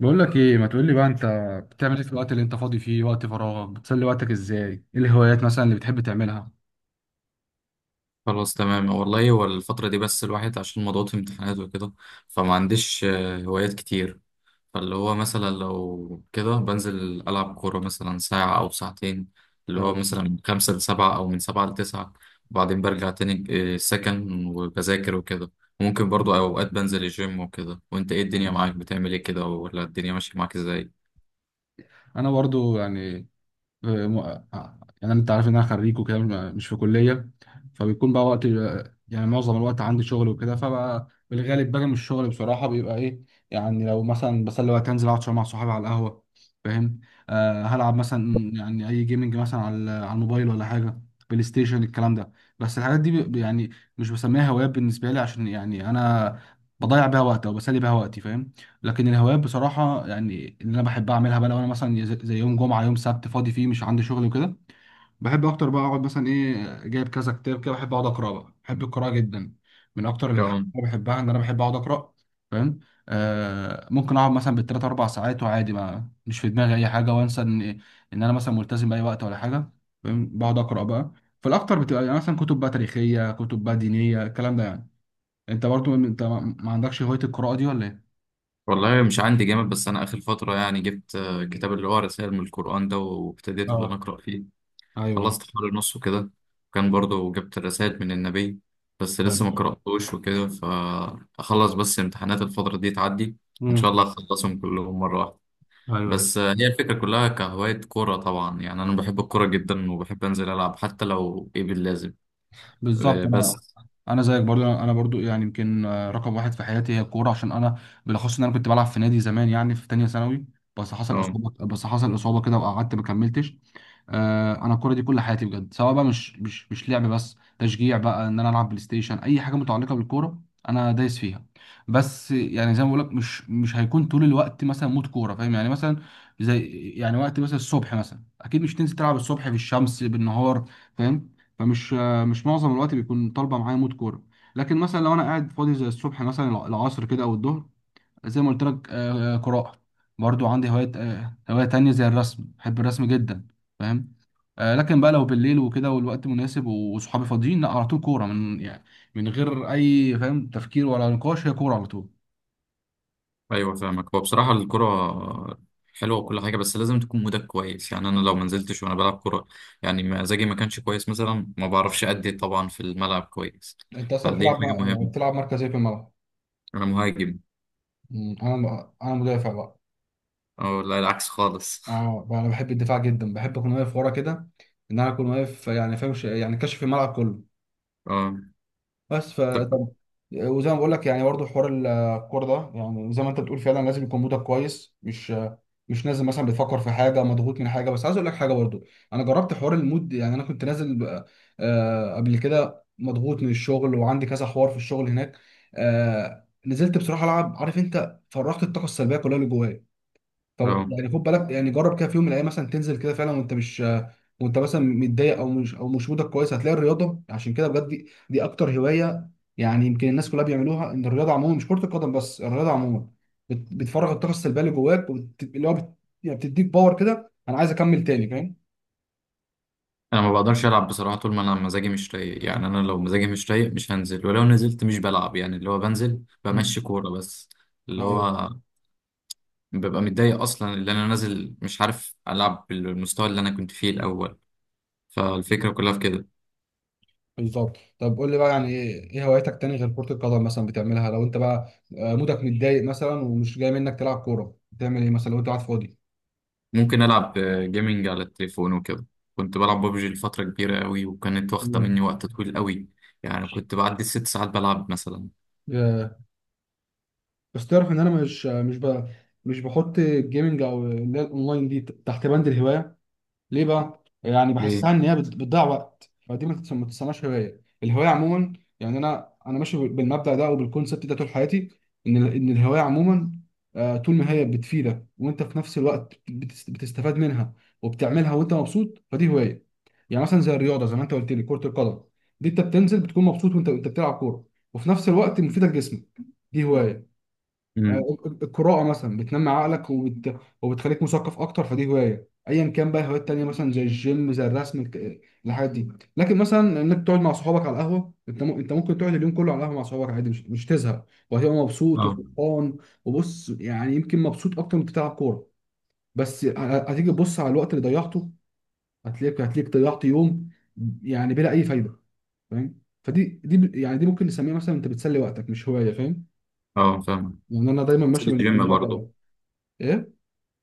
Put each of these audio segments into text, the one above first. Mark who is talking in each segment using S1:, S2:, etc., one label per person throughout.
S1: بقول لك ايه، ما تقول لي بقى انت، بتعمل ايه في الوقت اللي انت فاضي فيه؟ وقت فراغك بتسلي وقتك ازاي؟ ايه الهوايات مثلا اللي بتحب تعملها؟
S2: خلاص، تمام والله. هو الفترة دي بس الواحد عشان مضغوط امتحانات وكده، فما عنديش هوايات كتير. فاللي هو مثلا لو كده بنزل ألعب كورة مثلا ساعة أو ساعتين، اللي هو
S1: نعم.
S2: مثلا من خمسة لسبعة أو من سبعة لتسعة، وبعدين برجع تاني السكن، وبذاكر وكده. ممكن برضو أوقات بنزل الجيم وكده. وأنت إيه، الدنيا معاك بتعمل إيه كده، ولا الدنيا ماشية معاك إزاي؟
S1: انا برضو يعني آه، م- يعني انت عارف ان انا خريج وكده، مش في كليه. فبيكون بقى وقت، يعني معظم الوقت عندي شغل وكده، فبقى بالغالب باجي من الشغل بصراحه بيبقى ايه، يعني لو مثلا بسلي وقت، انزل اقعد شويه مع صحابي على القهوه. فاهم؟ آه، هلعب مثلا يعني اي جيمنج مثلا على الموبايل ولا حاجه، بلاي ستيشن الكلام ده. بس الحاجات دي يعني مش بسميها هوايات بالنسبه لي، عشان يعني انا بضيع بيها وقت او بسلي بيها وقتي. فاهم؟ لكن الهوايات بصراحة يعني اللي أنا بحب أعملها بقى، لو أنا مثلا زي يوم جمعة يوم سبت فاضي فيه مش عندي شغل وكده، بحب أكتر بقى أقعد مثلا، إيه جايب كذا كتاب كده، بحب أقعد أقرأ بقى، بحب القراءة جدا. من أكتر الحاجات
S2: تمام.
S1: اللي بحبها إن أنا بحب أقعد أقرأ. فاهم؟ آه، ممكن أقعد مثلا بالتلات أربع ساعات وعادي، ما مش في دماغي أي حاجة، وأنسى إن أنا مثلا ملتزم بأي وقت ولا حاجة. فاهم؟ بقعد أقرأ بقى. فالأكتر بتبقى يعني مثلا كتب بقى تاريخية، كتب بقى دينية، الكلام ده يعني. أنت برضو أنت ما عندكش هواية القراءة دي ولا إيه؟
S2: والله مش عندي جامد، بس أنا آخر فترة يعني جبت كتاب اللي هو رسائل من القرآن ده، وابتديت اللي أنا
S1: اه.
S2: أقرأ فيه.
S1: ايوه.
S2: خلصت حوالي نصه كده. كان برضو جبت الرسائل من النبي، بس لسه ما قرأتوش وكده. فأخلص بس امتحانات الفترة دي تعدي، وإن شاء
S1: امم.
S2: الله أخلصهم كلهم مرة واحدة.
S1: ايوه.
S2: بس هي الفكرة كلها كهواية كورة طبعا. يعني أنا بحب الكورة جدا، وبحب أنزل ألعب حتى لو إيه باللازم
S1: بالظبط
S2: آه،
S1: أنا-
S2: بس
S1: انا زيك برضو، انا برضو يعني يمكن، آه، رقم واحد في حياتي هي الكوره، عشان انا بالاخص ان انا كنت بلعب في نادي زمان، يعني في تانية ثانوي، بس حصل
S2: اه،
S1: اصابه، كده وقعدت ما كملتش. انا الكوره دي كل حياتي بجد، سواء بقى مش لعب بس، تشجيع بقى، ان انا العب بلاي ستيشن، اي حاجه متعلقه بالكوره انا دايس فيها. بس يعني زي ما بقول لك، مش هيكون طول الوقت مثلا مود كوره. فاهم يعني؟ مثلا زي يعني وقت مثلا الصبح، مثلا اكيد مش تنزل تلعب الصبح في الشمس بالنهار. فاهم؟ فمش مش معظم الوقت بيكون طالبه معايا مود كوره. لكن مثلا لو انا قاعد فاضي زي الصبح مثلا، العصر كده او الظهر، زي ما قلت لك، قراءه. برضو عندي هوايه، آه، هوايه تانية زي الرسم، بحب الرسم جدا. فاهم؟ آه، لكن بقى لو بالليل وكده والوقت مناسب وصحابي فاضيين، لا، على طول كوره. من يعني من غير اي، فاهم، تفكير ولا نقاش، هي كوره على طول.
S2: ايوه فاهمك. هو بصراحه الكره حلوه وكل حاجه، بس لازم تكون مودك كويس. يعني انا لو ما نزلتش وانا بلعب كره، يعني مزاجي ما كانش كويس مثلا، ما بعرفش ادي طبعا في الملعب كويس.
S1: انت اصلا
S2: فدي
S1: بتلعب،
S2: حاجه مهمه.
S1: بتلعب مركز ايه في الملعب؟
S2: انا مهاجم،
S1: مم، انا مدافع بقى.
S2: او لا العكس خالص.
S1: اه بقى، انا بحب الدفاع جدا، بحب اكون واقف ورا كده، ان انا اكون واقف يعني، فاهم، يعني كاشف الملعب كله.
S2: اه.
S1: بس ف،
S2: طب.
S1: طب، وزي ما بقول لك يعني برضه حوار الكوره ده، يعني زي ما انت بتقول فعلا، لازم يكون مودك كويس، مش نازل مثلا بتفكر في حاجه، مضغوط من حاجه. بس عايز اقول لك حاجه برضه، انا جربت حوار المود. يعني انا كنت نازل قبل كده مضغوط من الشغل، وعندي كذا حوار في الشغل هناك، آه، نزلت بصراحه العب، عارف انت، فرغت الطاقه السلبيه كلها اللي جوايا. طب
S2: اه،
S1: يعني خد بالك، يعني جرب كده في يوم من الايام مثلا، تنزل كده فعلا وانت مش، وانت مثلا متضايق، او مش مودك كويس، هتلاقي الرياضه عشان كده بجد، دي اكتر هوايه يعني يمكن الناس كلها بيعملوها. ان الرياضه عموما، مش كره القدم بس، الرياضه عموما بتفرغ الطاقه السلبيه اللي جواك، يعني بتديك باور كده، انا عايز اكمل تاني. فاهم؟
S2: انا ما بقدرش العب بصراحه طول ما انا مزاجي مش رايق. يعني انا لو مزاجي مش رايق مش هنزل، ولو نزلت مش بلعب. يعني اللي هو بنزل
S1: مم.
S2: بمشي كوره بس، اللي
S1: ايوه.
S2: هو ببقى متضايق اصلا اللي انا نازل مش عارف العب بالمستوى اللي انا كنت فيه الاول. فالفكرة كلها في كده.
S1: بالظبط. طب قول لي بقى يعني ايه، إيه هواياتك تاني غير كره القدم مثلا بتعملها لو انت بقى، آه، مودك متضايق مثلا، ومش جاي منك تلعب كوره، بتعمل ايه مثلا لو انت قاعد فاضي؟
S2: ممكن ألعب جيمنج على التليفون وكده. كنت بلعب ببجي لفترة كبيرة أوي، وكانت واخدة مني
S1: مم.
S2: وقت طويل أوي. يعني كنت بعدي الست ساعات بلعب مثلا.
S1: بس تعرف ان انا مش بحط الجيمنج او اللي هي الاونلاين دي تحت بند الهوايه. ليه بقى؟ يعني
S2: ليه؟
S1: بحسها ان هي بتضيع وقت، فدي ما تسماش هوايه. الهوايه عموما، يعني انا ماشي بالمبدأ ده او بالكونسبت ده طول حياتي. ان ان الهوايه عموما، آه، طول ما هي بتفيدك، وانت في نفس الوقت بتستفاد منها، وبتعملها وانت مبسوط، فدي هوايه. يعني مثلا زي الرياضه، زي ما انت قلت لي، كره القدم، دي انت بتنزل بتكون مبسوط وانت بتلعب كوره، وفي نفس الوقت مفيده لجسمك، دي هوايه.
S2: امم.
S1: آه، القراءة مثلا بتنمي عقلك، وبتخليك مثقف أكتر، فدي هواية. أيا كان بقى، هوايات تانية مثلا زي الجيم، زي الرسم، الحاجات دي. لكن مثلا إنك تقعد مع صحابك على القهوة، أنت ممكن تقعد اليوم كله على القهوة مع صحابك عادي، مش تزهق، وهتبقى مبسوط
S2: اه،
S1: وفرحان. وبص يعني يمكن مبسوط أكتر من بتلعب كورة، بس هتيجي تبص على الوقت اللي ضيعته، هتلاقيك ضيعت يوم يعني بلا أي فايدة. فاهم؟ فدي يعني، دي ممكن نسميها مثلا أنت بتسلي وقتك، مش هواية. فاهم؟
S2: اه فاهم.
S1: يعني أنا دايما ماشي
S2: بنزل الجيم
S1: بالمبدأ
S2: برضه.
S1: ده. ايه؟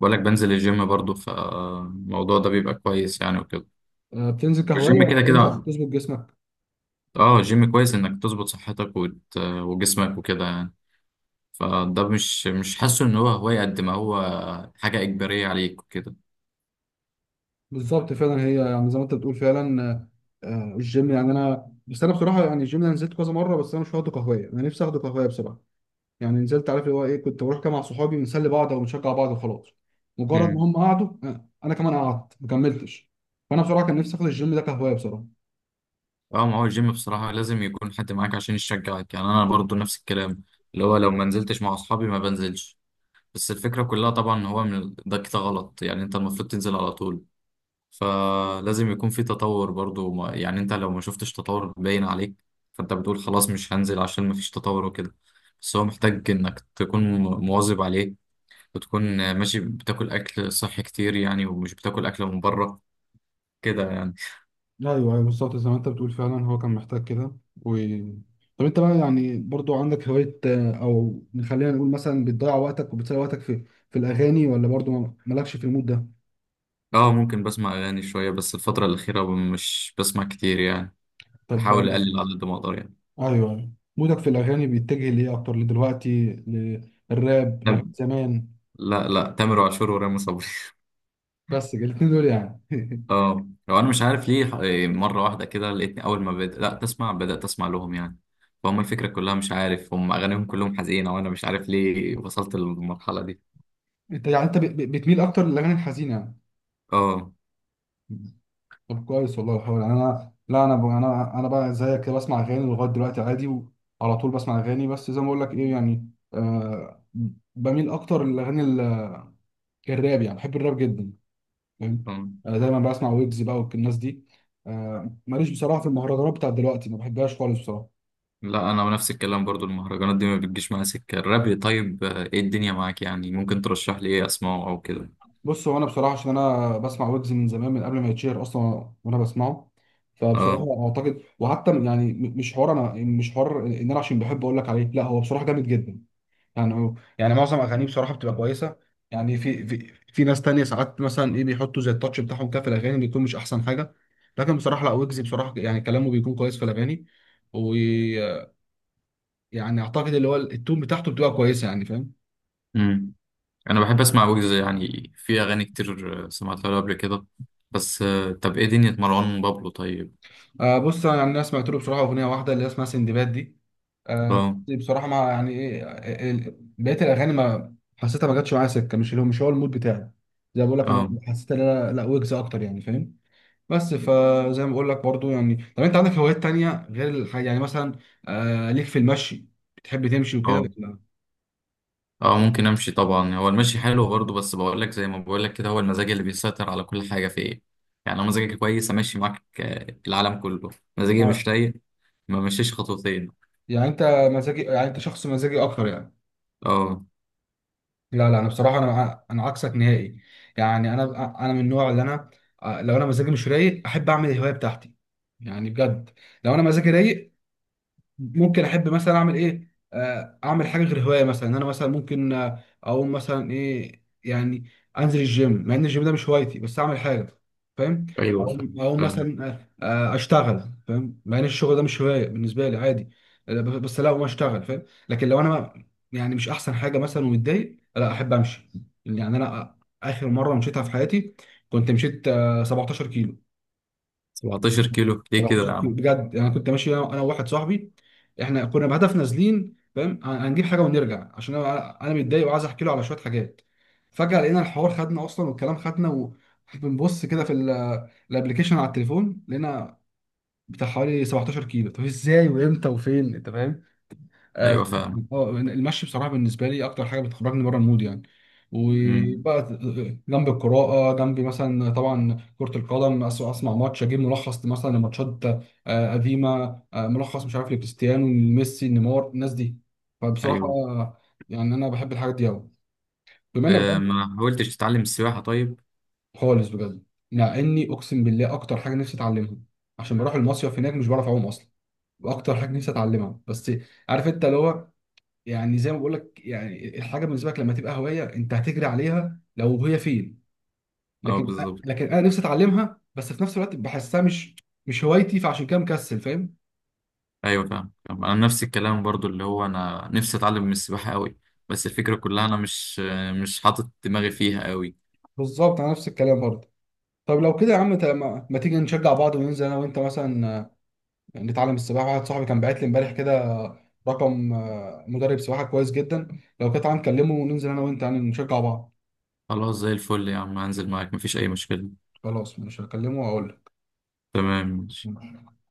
S2: بقولك بنزل الجيم برضه، فالموضوع ده بيبقى كويس يعني وكده.
S1: آه، بتنزل كهواية
S2: والجيم
S1: ولا
S2: كده
S1: بتنزل عشان
S2: كده.
S1: تظبط جسمك؟
S2: اه، الجيم كويس إنك تظبط صحتك وجسمك وكده يعني. فده مش حاسه إن هو هواية، قد ما هو حاجة إجبارية عليك وكده.
S1: بالظبط، فعلا هي يعني زي ما انت بتقول فعلا، الجيم، يعني انا بس انا بصراحة يعني الجيم انا نزلت كذا مرة، بس انا مش واخده كهواية، انا نفسي اخده كهواية بصراحة. يعني نزلت، عارف اللي هو ايه، كنت بروح كده مع صحابي، بنسلي بعض او بنشجع بعض وخلاص. مجرد ما هم قعدوا، آه، انا كمان قعدت ما كملتش. فانا بصراحة كان نفسي اخد الجيم ده كهواية بصراحة.
S2: اه. ما هو الجيم بصراحة لازم يكون حد معاك عشان يشجعك. يعني أنا برضو نفس الكلام، اللي هو لو ما نزلتش مع أصحابي ما بنزلش. بس الفكرة كلها طبعا هو من ده كده غلط. يعني أنت المفروض تنزل على طول. فلازم يكون في تطور برضو. ما يعني أنت لو ما شفتش تطور باين عليك، فأنت بتقول خلاص مش هنزل عشان ما فيش تطور وكده. بس هو محتاج إنك تكون مواظب عليه، وتكون ماشي بتاكل أكل صحي كتير يعني، ومش بتاكل أكل من بره كده يعني.
S1: ايوه، ايوه، بالظبط زي ما انت بتقول، فعلا هو كان محتاج كده. و... طب انت بقى يعني برضو عندك هواية، آه، او خلينا نقول مثلا بتضيع وقتك وبتسلي وقتك في الاغاني، ولا برضو مالكش في المود ده؟
S2: اه، ممكن بسمع اغاني شويه، بس الفتره الاخيره مش بسمع كتير يعني.
S1: طب آه،
S2: بحاول اقلل على قد ما اقدر يعني.
S1: ايوه، أيوة. مودك في الاغاني بيتجه ليه اكتر لدلوقتي، للراب، لاغاني
S2: تم...
S1: زمان؟
S2: لا لا، تامر عاشور ورامي صبري
S1: بس الاتنين دول يعني
S2: اه، لو انا مش عارف ليه مره واحده كده لقيتني اول ما بدأت لا تسمع بدأت اسمع لهم يعني. فهم الفكره كلها مش عارف هم اغانيهم كلهم حزينه، وانا مش عارف ليه وصلت للمرحله دي.
S1: انت يعني انت بتميل اكتر للاغاني الحزينة يعني.
S2: اه.
S1: طب كويس والله الحوار، يعني انا لا، انا انا بقى زيك كده، بسمع اغاني لغايه دلوقتي عادي، وعلى طول بسمع اغاني. بس زي ما بقول لك، ايه يعني، آه، بميل اكتر للاغاني الراب، يعني بحب الراب جدا. فاهم؟
S2: آه.
S1: آه، دايما بسمع ويجز بقى والناس دي. آه، ماليش بصراحه في المهرجانات بتاعت دلوقتي، ما بحبهاش خالص بصراحه.
S2: لا، انا نفس الكلام برضو. المهرجانات دي ما بتجيش معايا سكه الراب. طيب ايه الدنيا معاك؟ يعني ممكن ترشح لي ايه اسمعه او كده؟
S1: بص، هو انا بصراحه عشان انا بسمع ويجز من زمان، من قبل ما يتشهر اصلا وانا بسمعه،
S2: اه،
S1: فبصراحه اعتقد، وحتى يعني مش حوار انا، مش حوار ان انا عشان بحب اقول لك عليه، لا هو بصراحه جامد جدا. يعني هو يعني معظم اغانيه بصراحه بتبقى كويسه. يعني في في ناس تانية ساعات مثلا ايه، بيحطوا زي التاتش بتاعهم كده في الاغاني، بيكون مش احسن حاجه. لكن بصراحه لا، ويجز بصراحه يعني كلامه بيكون كويس في الاغاني، ويعني اعتقد اللي هو التون بتاعته بتبقى كويسه. يعني فاهم؟
S2: انا بحب اسمع ويجز. يعني في اغاني كتير سمعتها له قبل كده. بس طب ايه دنيا مروان بابلو طيب؟
S1: آه بص، انا يعني أنا سمعت له بصراحه اغنيه واحده اللي هي اسمها سندباد دي، آه،
S2: اه
S1: بصراحه ما يعني ايه، آه، بقيه الاغاني ما حسيتها، ما جاتش معايا سكه، مش اللي هو، مش هو المود بتاعي. زي ما بقول لك، انا
S2: اه.
S1: حسيت ان انا لا، ويجز اكتر. يعني فاهم؟ بس، فزي ما بقول لك برضو يعني، طب انت عندك هوايات تانية غير الحاجة يعني، مثلا آه، ليك في المشي؟ بتحب تمشي وكده
S2: اه
S1: ولا؟
S2: اه، ممكن امشي طبعا. هو المشي حلو برضه، بس بقول لك زي ما بقول لك كده، هو المزاج اللي بيسيطر على كل حاجه في ايه. يعني لو مزاجك كويس امشي معاك العالم كله. مزاجي
S1: آه.
S2: مش رايق، ما مشيش خطوتين.
S1: يعني انت، مزاجي، يعني انت شخص مزاجي اكتر يعني.
S2: اه،
S1: لا لا، انا بصراحة انا انا عكسك نهائي. يعني انا، انا من النوع اللي انا، آه، لو انا مزاجي مش رايق، احب اعمل الهواية بتاعتي، يعني بجد. لو انا مزاجي رايق، ممكن احب مثلا اعمل ايه، آه، اعمل حاجه غير هوايه، مثلا إن انا مثلا ممكن، آه، اقوم مثلا ايه يعني، انزل الجيم، مع ان الجيم ده مش هوايتي بس اعمل حاجه. فاهم؟
S2: ايوه
S1: اقوم
S2: فاهم
S1: اقوم
S2: فاهم.
S1: مثلا، اشتغل، فاهم، مع ان الشغل ده مش هوايه بالنسبه لي، عادي، آه، بس لا، اقوم اشتغل. فاهم؟ لكن لو انا يعني مش احسن حاجه مثلا ومتضايق، لا، احب امشي. يعني انا اخر مره مشيتها في حياتي، كنت مشيت، آه، 17 كيلو.
S2: 17 كيلو ليه كده
S1: 17
S2: يا
S1: كيلو
S2: عم؟
S1: بجد، يعني كنت ماشي انا، أنا وواحد صاحبي، احنا كنا بهدف نازلين، فاهم، هنجيب حاجه ونرجع، عشان انا، انا متضايق وعايز احكي له على شويه حاجات، فجاه لقينا الحوار خدنا اصلا والكلام خدنا، وبنبص كده في الابلكيشن على التليفون، لقينا بتاع حوالي 17 كيلو. طب ازاي وامتى وفين انت؟ فاهم؟ اه.
S2: ايوه فاهم.
S1: آه، المشي بصراحه بالنسبه لي اكتر حاجه بتخرجني بره المود يعني.
S2: امم.
S1: وبقى، آه، جنب القراءه، جنب مثلا طبعا كره القدم، اسمع ماتش، اجيب ملخص مثلا لماتشات، آه، قديمه، آه، ملخص مش عارف لكريستيانو، ميسي، نيمار، الناس دي. فبصراحه
S2: ايوه.
S1: آه، يعني انا بحب الحاجات دي قوي. بما انك
S2: آه،
S1: بقى-
S2: ما حاولتش تتعلم السباحه طيب؟
S1: خالص بجد، مع اني اقسم بالله اكتر حاجه نفسي اتعلمها، عشان بروح المصيف هناك مش بعرف اعوم اصلا، واكتر حاجه نفسي اتعلمها، بس عارف انت اللي هو، يعني زي ما بقول لك، يعني الحاجه بالنسبه لك لما تبقى هوايه، انت هتجري عليها لو هي فين.
S2: اه،
S1: لكن
S2: بالظبط.
S1: لكن انا نفسي اتعلمها، بس في نفس الوقت بحسها مش، مش هوايتي، فعشان كده مكسل. فاهم؟
S2: ايوه فاهم فاهم. انا نفس الكلام برضو، اللي هو انا نفسي اتعلم من السباحه قوي، بس الفكره كلها انا مش حاطط دماغي فيها قوي.
S1: بالظبط، انا نفس الكلام برضه. طب لو كده يا عم، ما تيجي نشجع بعض وننزل انا وانت مثلا، آه، نتعلم السباحه. واحد صاحبي كان باعت لي امبارح كده رقم، آه، مدرب سباحه كويس جدا. لو كده تعالى نكلمه، وننزل انا وانت يعني نشجع بعض.
S2: خلاص، زي الفل يا عم، هنزل معاك مفيش اي مشكله.
S1: خلاص، مش هكلمه واقول
S2: تمام.
S1: لك.